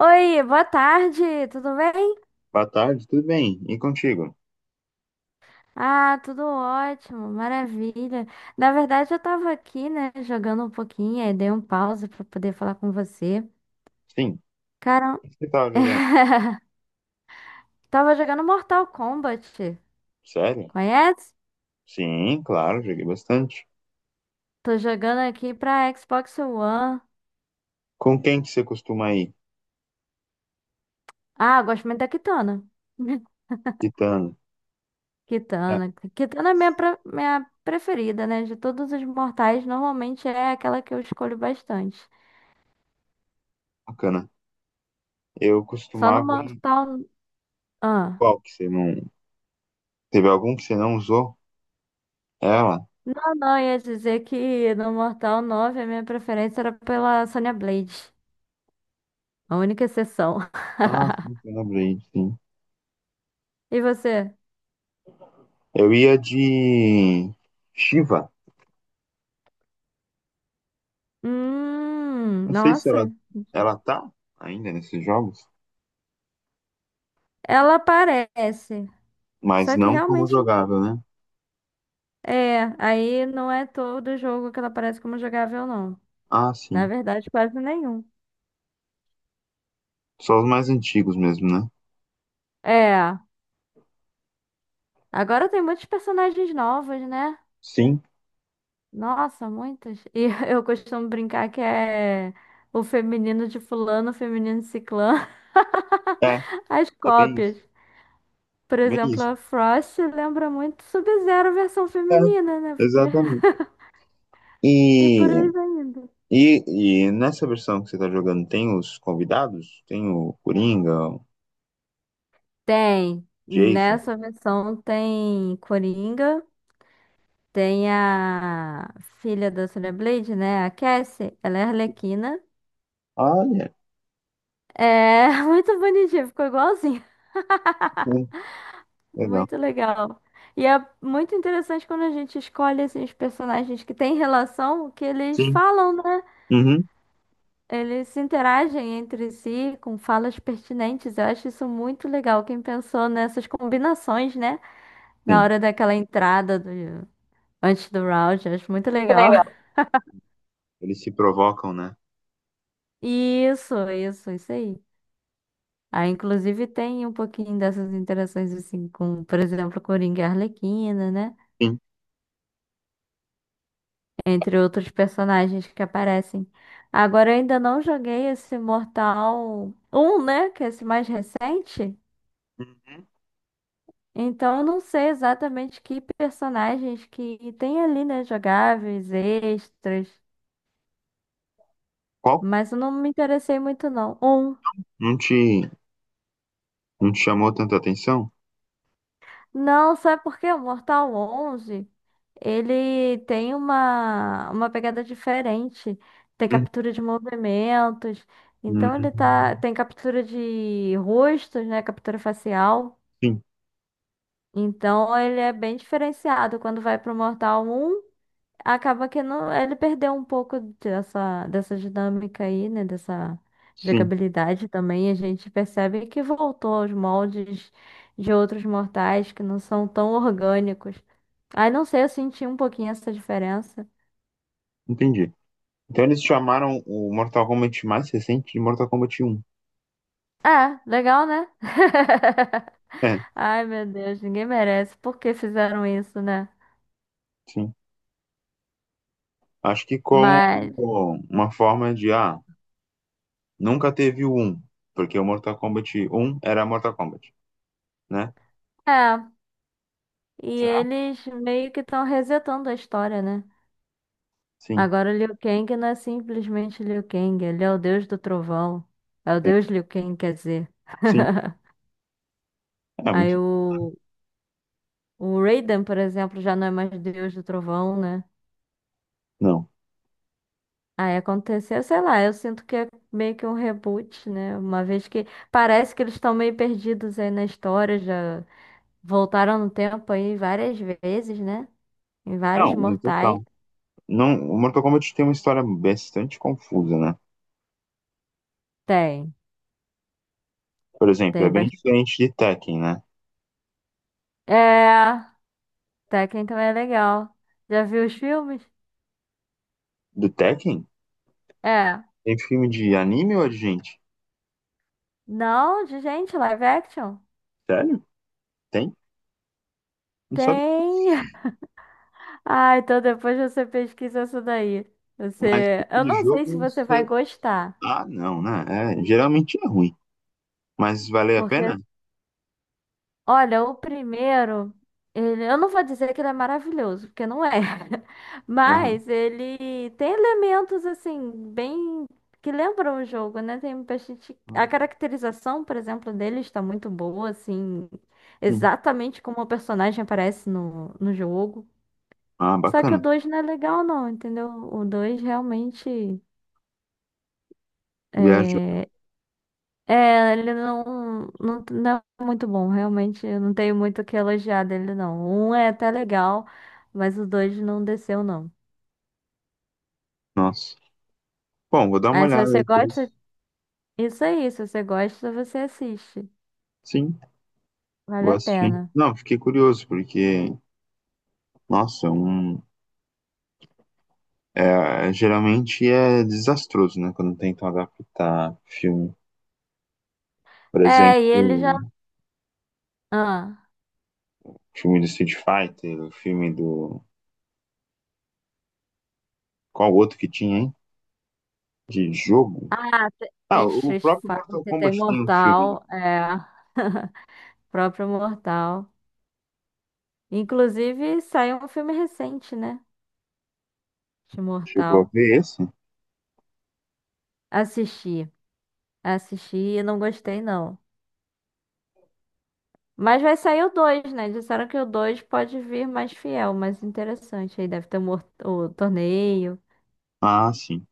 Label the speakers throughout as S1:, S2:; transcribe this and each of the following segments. S1: Oi, boa tarde, tudo bem?
S2: Boa tarde, tudo bem? E contigo?
S1: Ah, tudo ótimo, maravilha. Na verdade, eu tava aqui, né, jogando um pouquinho, aí dei um pause pra poder falar com você.
S2: Sim.
S1: Cara,
S2: Você estava jogando?
S1: tava jogando Mortal Kombat,
S2: Sério?
S1: conhece?
S2: Sim, claro, joguei bastante.
S1: Tô jogando aqui pra Xbox One.
S2: Com quem que você costuma ir?
S1: Ah, gosto muito da Kitana.
S2: Titano. É,
S1: Kitana. Kitana é minha preferida, né? De todos os mortais, normalmente é aquela que eu escolho bastante.
S2: bacana. Eu
S1: Só no
S2: costumava ir.
S1: Mortal. Ah.
S2: Qual que você não. Teve algum que você não usou? Ela?
S1: Não, não, ia dizer que no Mortal 9 a minha preferência era pela Sonya Blade. A única exceção.
S2: Ah, sim, eu lembrei, sim.
S1: E você?
S2: Eu ia de. Shiva. Não sei se ela,
S1: Nossa.
S2: ela tá ainda nesses jogos,
S1: Ela aparece.
S2: mas
S1: Só que
S2: não como
S1: realmente
S2: jogável, né?
S1: é. Aí não é todo jogo que ela aparece como jogável, não.
S2: Ah,
S1: Na
S2: sim.
S1: verdade, quase nenhum.
S2: Só os mais antigos mesmo, né?
S1: É. Agora tem muitos personagens novos, né?
S2: Sim.
S1: Nossa, muitos. E eu costumo brincar que é o feminino de fulano, o feminino de ciclano,
S2: É,
S1: as
S2: bem
S1: cópias.
S2: isso.
S1: Por
S2: Bem
S1: exemplo,
S2: isso.
S1: a Frost lembra muito Sub-Zero versão
S2: É.
S1: feminina, né? Porque...
S2: Exatamente. E,
S1: E por aí vai indo.
S2: e nessa versão que você está jogando, tem os convidados? Tem o Coringa, o
S1: Tem.
S2: Jason?
S1: Nessa versão tem Coringa, tem a filha da Sonya Blade, né? A Cassie, ela é Arlequina.
S2: Olha,
S1: É muito bonitinha, ficou igualzinha.
S2: sim, legal.
S1: Muito legal. E é muito interessante quando a gente escolhe assim, os personagens que têm relação, o que eles
S2: Sim.
S1: falam, né?
S2: Uhum,
S1: Eles se interagem entre si com falas pertinentes. Eu acho isso muito legal. Quem pensou nessas combinações, né? Na
S2: sim.
S1: hora daquela entrada do, antes do round, eu acho muito
S2: Que
S1: legal.
S2: legal. Eles se provocam, né?
S1: Isso aí. Aí, inclusive, tem um pouquinho dessas interações, assim, com, por exemplo, Coringa e Arlequina, né?
S2: Sim.
S1: Entre outros personagens que aparecem. Agora, eu ainda não joguei esse Mortal 1, né? Que é esse mais recente.
S2: Uhum.
S1: Então, eu não sei exatamente que personagens que tem ali, né? Jogáveis, extras.
S2: Qual?
S1: Mas eu não me interessei muito, não. Um.
S2: Não te, não te chamou tanta atenção?
S1: Não, sabe por quê? O Mortal 11, ele tem uma pegada diferente. Tem captura de movimentos. Então, ele
S2: Uhum.
S1: tá. Tem captura de rostos, né? Captura facial.
S2: Sim,
S1: Então, ele é bem diferenciado. Quando vai pro Mortal 1, acaba que não, ele perdeu um pouco dessa dinâmica aí, né? Dessa
S2: sim,
S1: jogabilidade também. A gente percebe que voltou aos moldes de outros mortais que não são tão orgânicos. Aí não sei, eu senti um pouquinho essa diferença.
S2: entendi. Então eles chamaram o Mortal Kombat mais recente de Mortal Kombat um.
S1: Ah, legal, né?
S2: É,
S1: Ai, meu Deus, ninguém merece. Por que fizeram isso, né?
S2: sim. Acho que como
S1: Mas,
S2: uma forma de, nunca teve o 1, porque o Mortal Kombat um era Mortal Kombat, né?
S1: é. E
S2: Será?
S1: eles meio que estão resetando a história, né?
S2: Sim.
S1: Agora, o Liu Kang não é simplesmente Liu Kang, ele é o deus do trovão. É o
S2: É,
S1: deus Liu Kang, quer dizer.
S2: sim. É
S1: Aí
S2: muito.
S1: o Raiden, por exemplo, já não é mais deus do trovão, né?
S2: Não.
S1: Aí aconteceu, sei lá, eu sinto que é meio que um reboot, né? Uma vez que parece que eles estão meio perdidos aí na história, já voltaram no tempo aí várias vezes, né? Em vários
S2: Não, no
S1: mortais.
S2: total. Não, o Mortal Kombat tem uma história bastante confusa, né?
S1: Tem,
S2: Por exemplo, é
S1: tem
S2: bem
S1: bastante.
S2: diferente de Tekken, né?
S1: É, Tekken também é legal. Já viu os filmes?
S2: Do Tekken?
S1: É.
S2: Tem filme de anime ou de gente?
S1: Não, de gente, live action?
S2: Sério? Tem? Não sabe
S1: Tem. Ah, então depois você pesquisa isso daí. Você, eu
S2: de
S1: não
S2: jogo?
S1: sei se
S2: Não
S1: você vai
S2: sei.
S1: gostar,
S2: Ah, não, né? É, geralmente é ruim. Mas valeu a
S1: porque
S2: pena?
S1: olha, o primeiro, ele, eu não vou dizer que ele é maravilhoso, porque não é.
S2: Aham.
S1: Mas ele tem elementos assim bem que lembram o jogo, né? Tem bastante a
S2: Ah,
S1: caracterização, por exemplo, dele está muito boa, assim,
S2: sim.
S1: exatamente como o personagem aparece no jogo.
S2: Ah,
S1: Só que o
S2: bacana.
S1: 2 não é legal, não, entendeu? O 2 realmente
S2: Viajar.
S1: é. É. Ele não, não, não é muito bom, realmente. Eu não tenho muito o que elogiar dele, não. O um é até legal, mas o dois não desceu, não.
S2: Nossa. Bom, vou dar uma
S1: Aí, se
S2: olhada
S1: você
S2: depois.
S1: gosta, isso aí. Se você gosta, você assiste.
S2: Sim.
S1: Vale
S2: Vou
S1: a
S2: assistir.
S1: pena.
S2: Não, fiquei curioso, porque, nossa, é um, é, geralmente é desastroso, né? Quando tentam adaptar filme. Por
S1: É, e ele já.
S2: exemplo,
S1: Ah,
S2: filme do Street Fighter, o filme do. Qual outro que tinha, hein? De jogo?
S1: ah te-
S2: Ah,
S1: tem
S2: o
S1: Street
S2: próprio Mortal
S1: Fighter, tem
S2: Kombat tem um filme.
S1: Mortal, é. Próprio Mortal. Inclusive, saiu um filme recente, né? Este
S2: Chegou a
S1: Mortal.
S2: ver esse?
S1: Assisti. Assisti e não gostei, não. Mas vai sair o 2, né? Disseram que o 2 pode vir mais fiel, mais interessante. Aí deve ter o torneio.
S2: Ah, sim.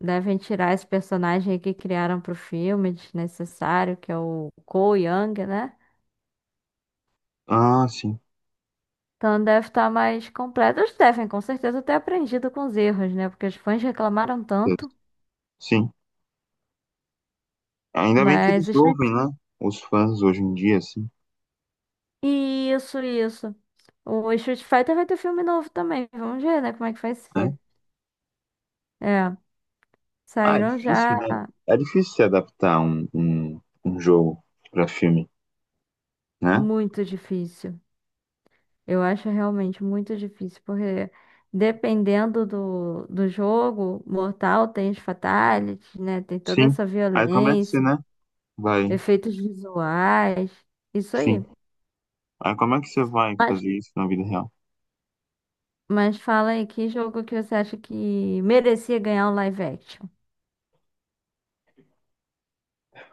S1: Devem tirar esse personagem aí que criaram pro filme, desnecessário, que é o Cole Young, né?
S2: Ah, sim.
S1: Então deve estar mais completo. Eles devem, com certeza, ter aprendido com os erros, né? Porque os fãs reclamaram tanto.
S2: Sim. Ainda bem que
S1: Mas.
S2: eles ouvem, né? Os fãs hoje em dia, assim,
S1: Isso, isso. O Street Fighter vai ter filme novo também. Vamos ver, né? Como é que vai
S2: né?
S1: ser. É.
S2: Ah, é
S1: Saíram
S2: difícil,
S1: já
S2: né? É difícil se adaptar um jogo pra filme. Né?
S1: muito difícil. Eu acho realmente muito difícil, porque dependendo do jogo, Mortal tem os fatalities, né? Tem toda
S2: Sim.
S1: essa
S2: Aí como é que você,
S1: violência,
S2: né? Vai.
S1: efeitos visuais, isso
S2: Sim.
S1: aí.
S2: Aí como é que você vai
S1: Mas,
S2: fazer isso na vida real?
S1: mas fala aí, que jogo que você acha que merecia ganhar um live action?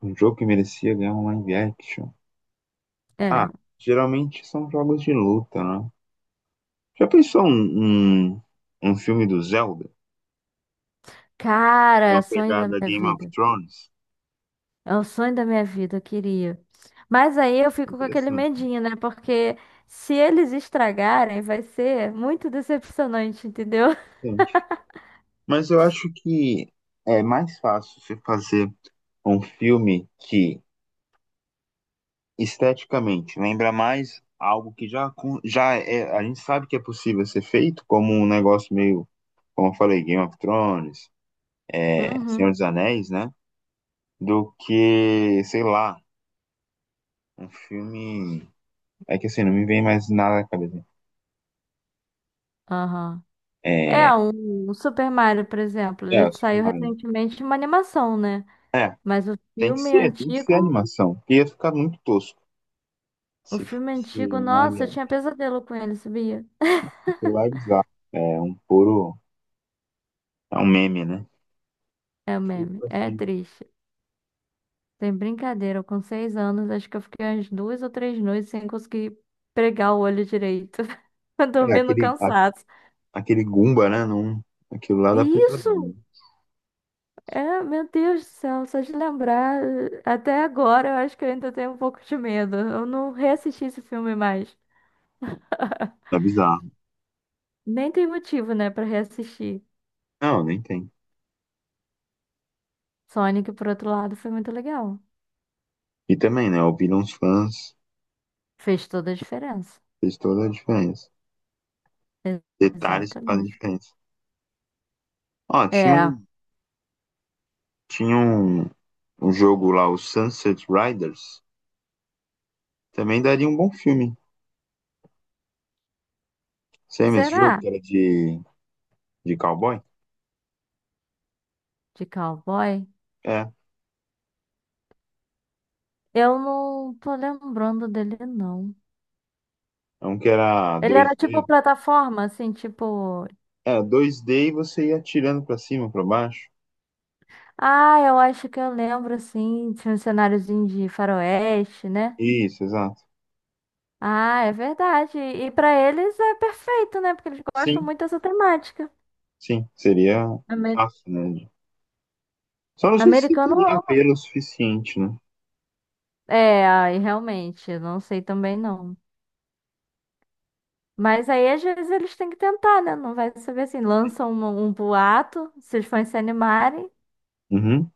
S2: Um jogo que merecia ganhar um live action. Ah,
S1: É.
S2: geralmente são jogos de luta, né? Já pensou um filme do Zelda? Uma
S1: Cara, sonho da
S2: pegada
S1: minha
S2: Game of
S1: vida.
S2: Thrones?
S1: É o sonho da minha vida, eu queria. Mas aí eu fico com aquele
S2: Interessante,
S1: medinho, né? Porque se eles estragarem, vai ser muito decepcionante, entendeu?
S2: interessante. Mas eu acho que é mais fácil você fazer um filme que esteticamente, lembra mais algo que já, já é, a gente sabe que é possível ser feito, como um negócio meio, como eu falei, Game of Thrones, é, Senhor
S1: Uhum.
S2: dos Anéis, né? Do que, sei lá, um filme. É que assim, não me vem mais nada na cabeça.
S1: Aham. É,
S2: É,
S1: um Super Mario, por exemplo, ele
S2: os
S1: saiu recentemente uma animação, né?
S2: né? É,
S1: Mas o filme
S2: tem que ser
S1: antigo,
S2: animação, porque ia ficar muito tosco
S1: o
S2: se
S1: filme
S2: fosse
S1: antigo,
S2: um live
S1: nossa, eu
S2: action,
S1: tinha pesadelo com ele, sabia?
S2: porque live action, é um puro, é um meme, né?
S1: É o meme, é triste. Sem brincadeira, eu com 6 anos, acho que eu fiquei umas 2 ou 3 noites sem conseguir pregar o olho direito,
S2: É,
S1: dormindo
S2: aquele,
S1: cansado.
S2: aquele Goomba, né? Não, aquilo lá dá
S1: Isso!
S2: pesadelo.
S1: É, meu Deus do céu, só de lembrar, até agora eu acho que eu ainda tenho um pouco de medo. Eu não reassisti esse filme mais.
S2: Tá bizarro.
S1: Nem tem motivo, né, pra reassistir.
S2: Não, nem tem.
S1: Sonic, por outro lado, foi muito legal.
S2: E também, né? Ouvir uns fãs
S1: Fez toda a diferença.
S2: fez toda a diferença.
S1: E-
S2: Detalhes que fazem
S1: Exatamente.
S2: diferença. Ó,
S1: É,
S2: tinha um, um jogo lá, o Sunset Riders. Também daria um bom filme. Você lembra esse jogo
S1: será?
S2: que era de cowboy?
S1: De cowboy?
S2: É.
S1: Eu não tô lembrando dele, não.
S2: É um que era
S1: Ele
S2: dois
S1: era tipo
S2: d.
S1: plataforma, assim, tipo.
S2: É, dois d e você ia atirando pra cima, pra baixo.
S1: Ah, eu acho que eu lembro, assim, tinha um cenáriozinho de faroeste, né?
S2: Isso, exato.
S1: Ah, é verdade. E pra eles é perfeito, né? Porque eles gostam
S2: Sim,
S1: muito dessa temática.
S2: sim. Seria
S1: Amer-
S2: fácil, né? Só não sei se
S1: Americano
S2: teria
S1: ama.
S2: apelo o suficiente, né?
S1: É, aí realmente, eu não sei também não. Mas aí às vezes eles têm que tentar, né? Não vai saber assim, lançam um boato, se os fãs se animarem,
S2: Uhum.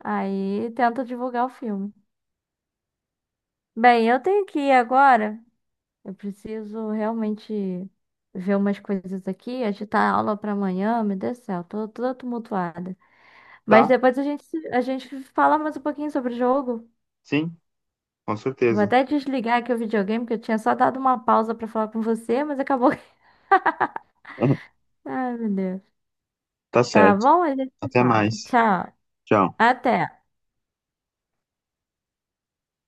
S1: aí tenta divulgar o filme. Bem, eu tenho que ir agora. Eu preciso realmente ver umas coisas aqui, agitar a aula pra amanhã, meu Deus do céu, tô toda tumultuada. Mas
S2: Tá,
S1: depois a gente fala mais um pouquinho sobre o jogo.
S2: sim, com
S1: Vou
S2: certeza.
S1: até desligar aqui o videogame, que eu tinha só dado uma pausa pra falar com você, mas acabou. Ai, meu Deus.
S2: Tá
S1: Tá
S2: certo.
S1: bom? A gente se
S2: Até
S1: fala.
S2: mais.
S1: Tchau.
S2: Tchau.
S1: Até.